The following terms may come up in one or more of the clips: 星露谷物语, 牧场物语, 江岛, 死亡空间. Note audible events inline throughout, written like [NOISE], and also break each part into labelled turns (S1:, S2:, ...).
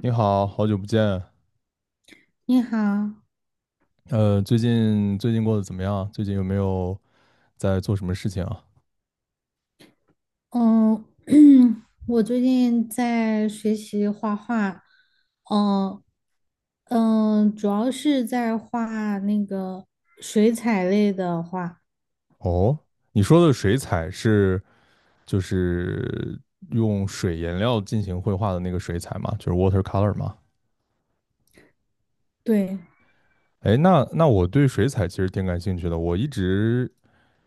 S1: 你好，好久不见。
S2: 你好，
S1: 最近过得怎么样？最近有没有在做什么事情啊？
S2: 嗯，[CLEARS THROAT] 我最近在学习画画，嗯主要是在画那个水彩类的画，
S1: 哦，你说的水彩是就是用水颜料进行绘画的那个水彩吗？就是 watercolor 吗？
S2: 对。
S1: 哎，那我对水彩其实挺感兴趣的，我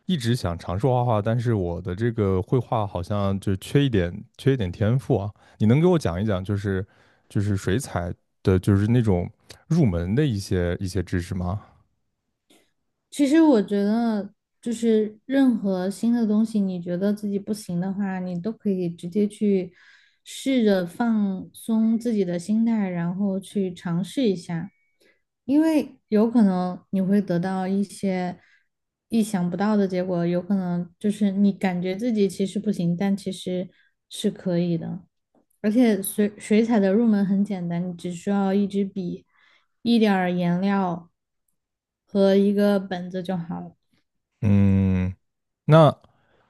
S1: 一直想尝试画画，但是我的这个绘画好像就缺一点天赋啊。你能给我讲一讲，就是水彩的，就是那种入门的一些知识吗？
S2: 其实我觉得，就是任何新的东西，你觉得自己不行的话，你都可以直接去试着放松自己的心态，然后去尝试一下，因为有可能你会得到一些意想不到的结果，有可能就是你感觉自己其实不行，但其实是可以的。而且水彩的入门很简单，你只需要一支笔、一点儿颜料和一个本子就好了。
S1: 嗯，那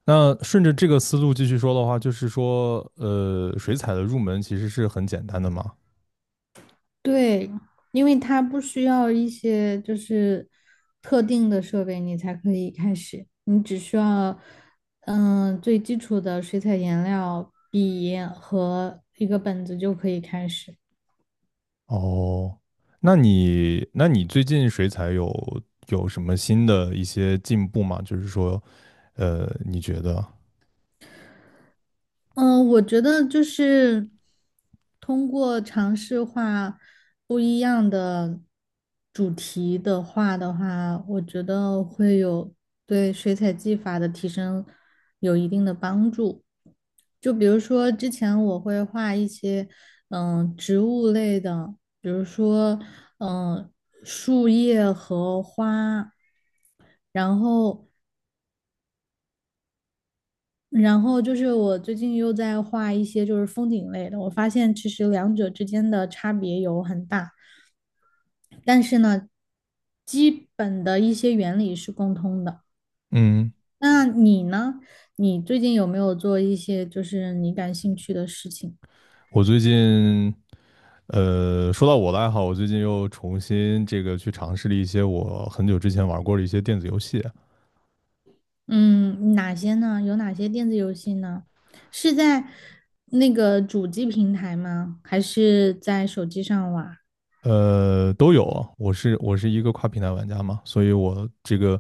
S1: 顺着这个思路继续说的话，就是说，水彩的入门其实是很简单的嘛。
S2: 对，因为它不需要一些就是特定的设备，你才可以开始。你只需要，最基础的水彩颜料、笔和一个本子就可以开始。
S1: 哦，那你最近水彩有什么新的一些进步吗？就是说，呃，你觉得？
S2: 嗯，我觉得就是通过尝试画不一样的主题的画的话，我觉得会有对水彩技法的提升有一定的帮助。就比如说之前我会画一些植物类的，比如说嗯树叶和花，然后然后就是我最近又在画一些就是风景类的，我发现其实两者之间的差别有很大，但是呢，基本的一些原理是共通的。
S1: 嗯，
S2: 那你呢？你最近有没有做一些就是你感兴趣的事情？
S1: 我最近，呃，说到我的爱好，我最近又重新这个去尝试了一些我很久之前玩过的一些电子游戏。
S2: 嗯，哪些呢？有哪些电子游戏呢？是在那个主机平台吗？还是在手机上玩？
S1: 呃，都有啊我是一个跨平台玩家嘛，所以我这个，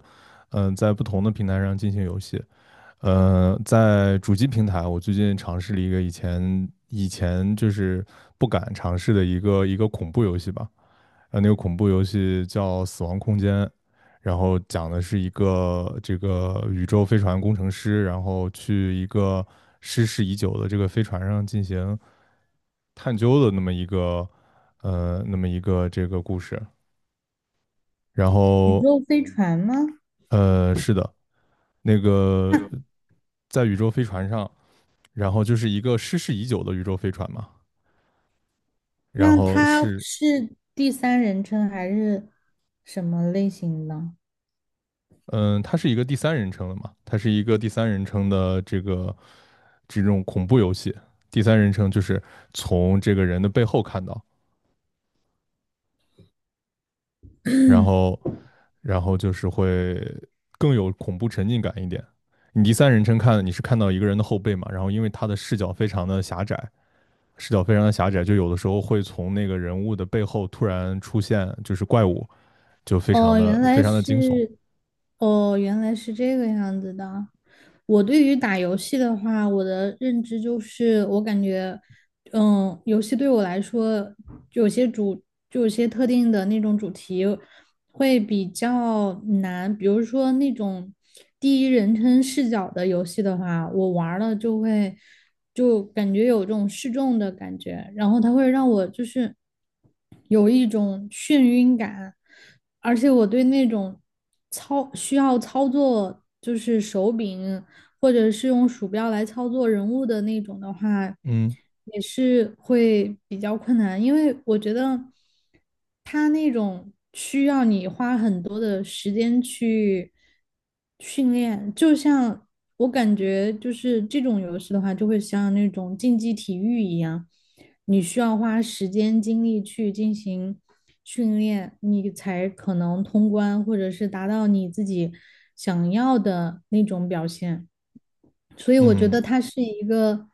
S1: 嗯、在不同的平台上进行游戏。呃，在主机平台，我最近尝试了一个以前就是不敢尝试的一个恐怖游戏吧。呃，那个恐怖游戏叫《死亡空间》，然后讲的是一个这个宇宙飞船工程师，然后去一个失事已久的这个飞船上进行探究的那么一个那么一个这个故事。然
S2: 宇
S1: 后
S2: 宙飞船吗？
S1: 呃是的，那
S2: [LAUGHS]
S1: 个
S2: 那
S1: 在宇宙飞船上，然后就是一个失事已久的宇宙飞船嘛，然后
S2: 他
S1: 是
S2: 是第三人称还是什么类型的？
S1: 它是一个第三人称的嘛，它是一个第三人称的这个这种恐怖游戏。第三人称就是从这个人的背后看到，然后就是会更有恐怖沉浸感一点。你第三人称看，你是看到一个人的后背嘛，然后因为他的视角非常的狭窄，视角非常的狭窄，就有的时候会从那个人物的背后突然出现就是怪物，就
S2: 哦，原
S1: 非
S2: 来
S1: 常的惊悚。
S2: 是，哦，原来是这个样子的。我对于打游戏的话，我的认知就是，我感觉，游戏对我来说，有些主，就有些特定的那种主题，会比较难，比如说那种第一人称视角的游戏的话，我玩儿了就感觉有这种失重的感觉，然后它会让我就是有一种眩晕感，而且我对那种需要操作就是手柄或者是用鼠标来操作人物的那种的话，
S1: 嗯。
S2: 也是会比较困难，因为我觉得它那种需要你花很多的时间去训练，就像我感觉就是这种游戏的话，就会像那种竞技体育一样，你需要花时间精力去进行。训练，你才可能通关，或者是达到你自己想要的那种表现。所以我觉
S1: 嗯。
S2: 得它是一个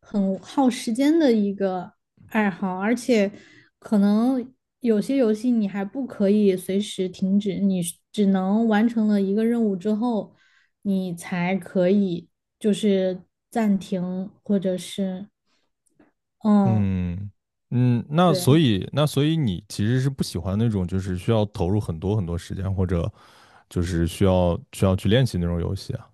S2: 很耗时间的一个爱好，而且可能有些游戏你还不可以随时停止，你只能完成了一个任务之后，你才可以就是暂停或者是嗯，
S1: 嗯，嗯，那
S2: 对，
S1: 所以你其实是不喜欢那种就是需要投入很多时间或者就是需要去练习那种游戏。啊？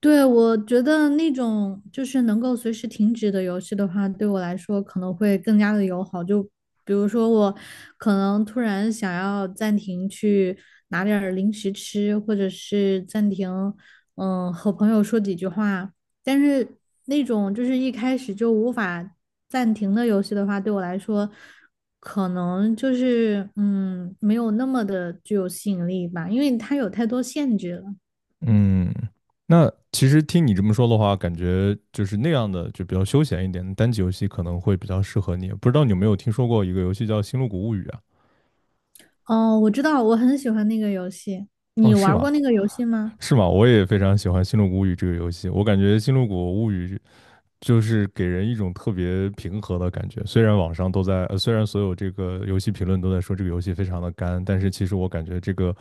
S2: 对。我觉得那种就是能够随时停止的游戏的话，对我来说可能会更加的友好。就比如说我可能突然想要暂停去拿点儿零食吃，或者是暂停，和朋友说几句话。但是那种就是一开始就无法暂停的游戏的话，对我来说可能就是没有那么的具有吸引力吧，因为它有太多限制了。
S1: 嗯，那其实听你这么说的话，感觉就是那样的，就比较休闲一点的单机游戏可能会比较适合你。不知道你有没有听说过一个游戏叫《星露谷物语》啊？
S2: 哦，我知道，我很喜欢那个游戏。
S1: 哦，
S2: 你
S1: 是
S2: 玩
S1: 吗？
S2: 过那个游戏吗？
S1: 是吗？我也非常喜欢《星露谷物语》这个游戏，我感觉《星露谷物语》就是给人一种特别平和的感觉。虽然网上都在，虽然所有这个游戏评论都在说这个游戏非常的干，但是其实我感觉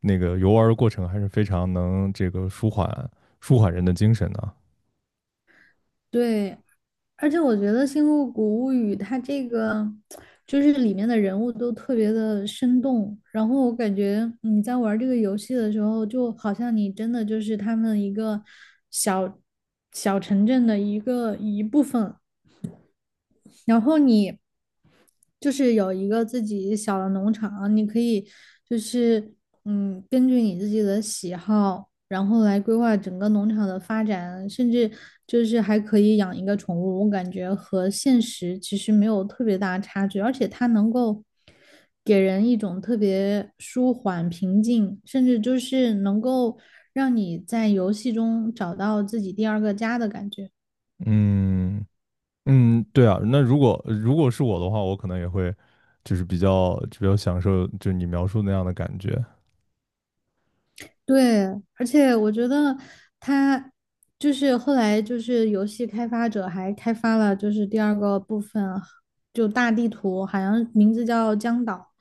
S1: 那个游玩的过程还是非常能这个舒缓人的精神的。
S2: 对，而且我觉得《星露谷物语》它这个就是里面的人物都特别的生动，然后我感觉你在玩这个游戏的时候，就好像你真的就是他们一个小小城镇的一部分，然后你。就是有一个自己小的农场，你可以就是根据你自己的喜好，然后来规划整个农场的发展，甚至就是还可以养一个宠物，我感觉和现实其实没有特别大的差距，而且它能够给人一种特别舒缓、平静，甚至就是能够让你在游戏中找到自己第二个家的感觉。
S1: 嗯。嗯，对啊，那如果是我的话，我可能也会就是比较就比较享受，就你描述那样的感觉。
S2: 对，而且我觉得他就是后来就是游戏开发者还开发了就是第二个部分，就大地图，好像名字叫江岛，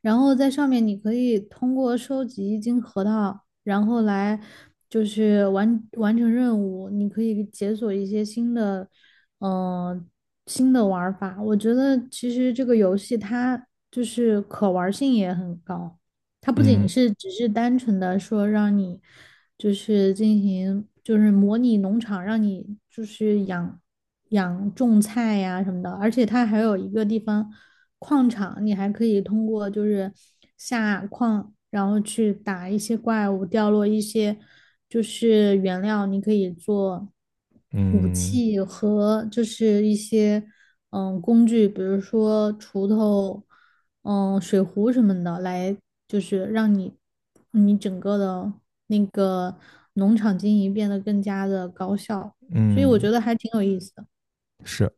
S2: 然后在上面你可以通过收集金核桃，然后来就是完成任务，你可以解锁一些新的，嗯、新的玩法。我觉得其实这个游戏它就是可玩性也很高。它不仅
S1: 嗯。
S2: 是只是单纯的说让你就是进行就是模拟农场，让你就是养种菜呀什么的，而且它还有一个地方矿场，你还可以通过就是下矿，然后去打一些怪物，掉落一些就是原料，你可以做。武
S1: 嗯。
S2: 器和就是一些工具，比如说锄头、水壶什么的，来就是让你整个的那个农场经营变得更加的高效，所以我
S1: 嗯，
S2: 觉得还挺有意思的。
S1: 是。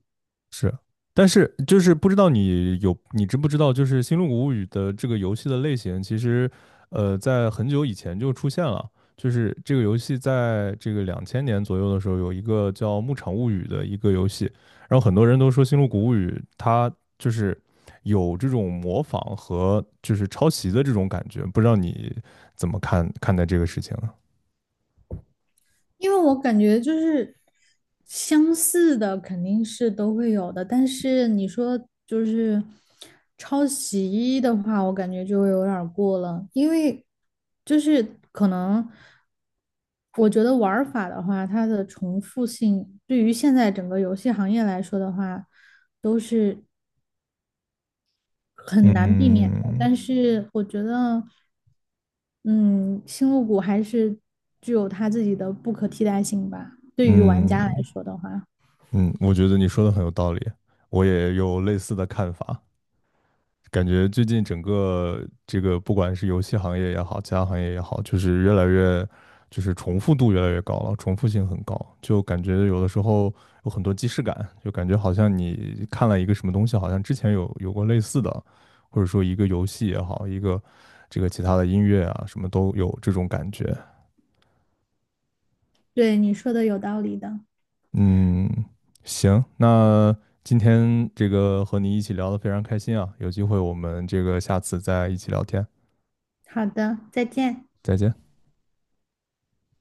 S1: 是，但是就是不知道你知不知道，就是《星露谷物语》的这个游戏的类型，其实在很久以前就出现了。就是这个游戏在这个两千年左右的时候，有一个叫《牧场物语》的一个游戏，然后很多人都说《星露谷物语》它就是有这种模仿和就是抄袭的这种感觉，不知道你怎么看看待这个事情呢？
S2: 因为我感觉就是相似的肯定是都会有的，但是你说就是抄袭的话，我感觉就有点儿过了，因为就是可能我觉得玩儿法的话，它的重复性对于现在整个游戏行业来说的话，都是很难避免的。
S1: 嗯。
S2: 但是我觉得，嗯，星露谷还是具有它自己的不可替代性吧。对于玩家来
S1: 嗯。
S2: 说的话，
S1: 嗯，我觉得你说的很有道理，我也有类似的看法。感觉最近整个这个，不管是游戏行业也好，其他行业也好，就是越来越，就是重复度越来越高了，重复性很高，就感觉有的时候有很多既视感，就感觉好像你看了一个什么东西，好像之前有过类似的，或者说一个游戏也好，一个这个其他的音乐啊，什么都有这种感觉。
S2: 对你说的有道理的。
S1: 嗯，行，那今天这个和你一起聊的非常开心啊，有机会我们这个下次再一起聊天，
S2: 好的，再见。
S1: 再见。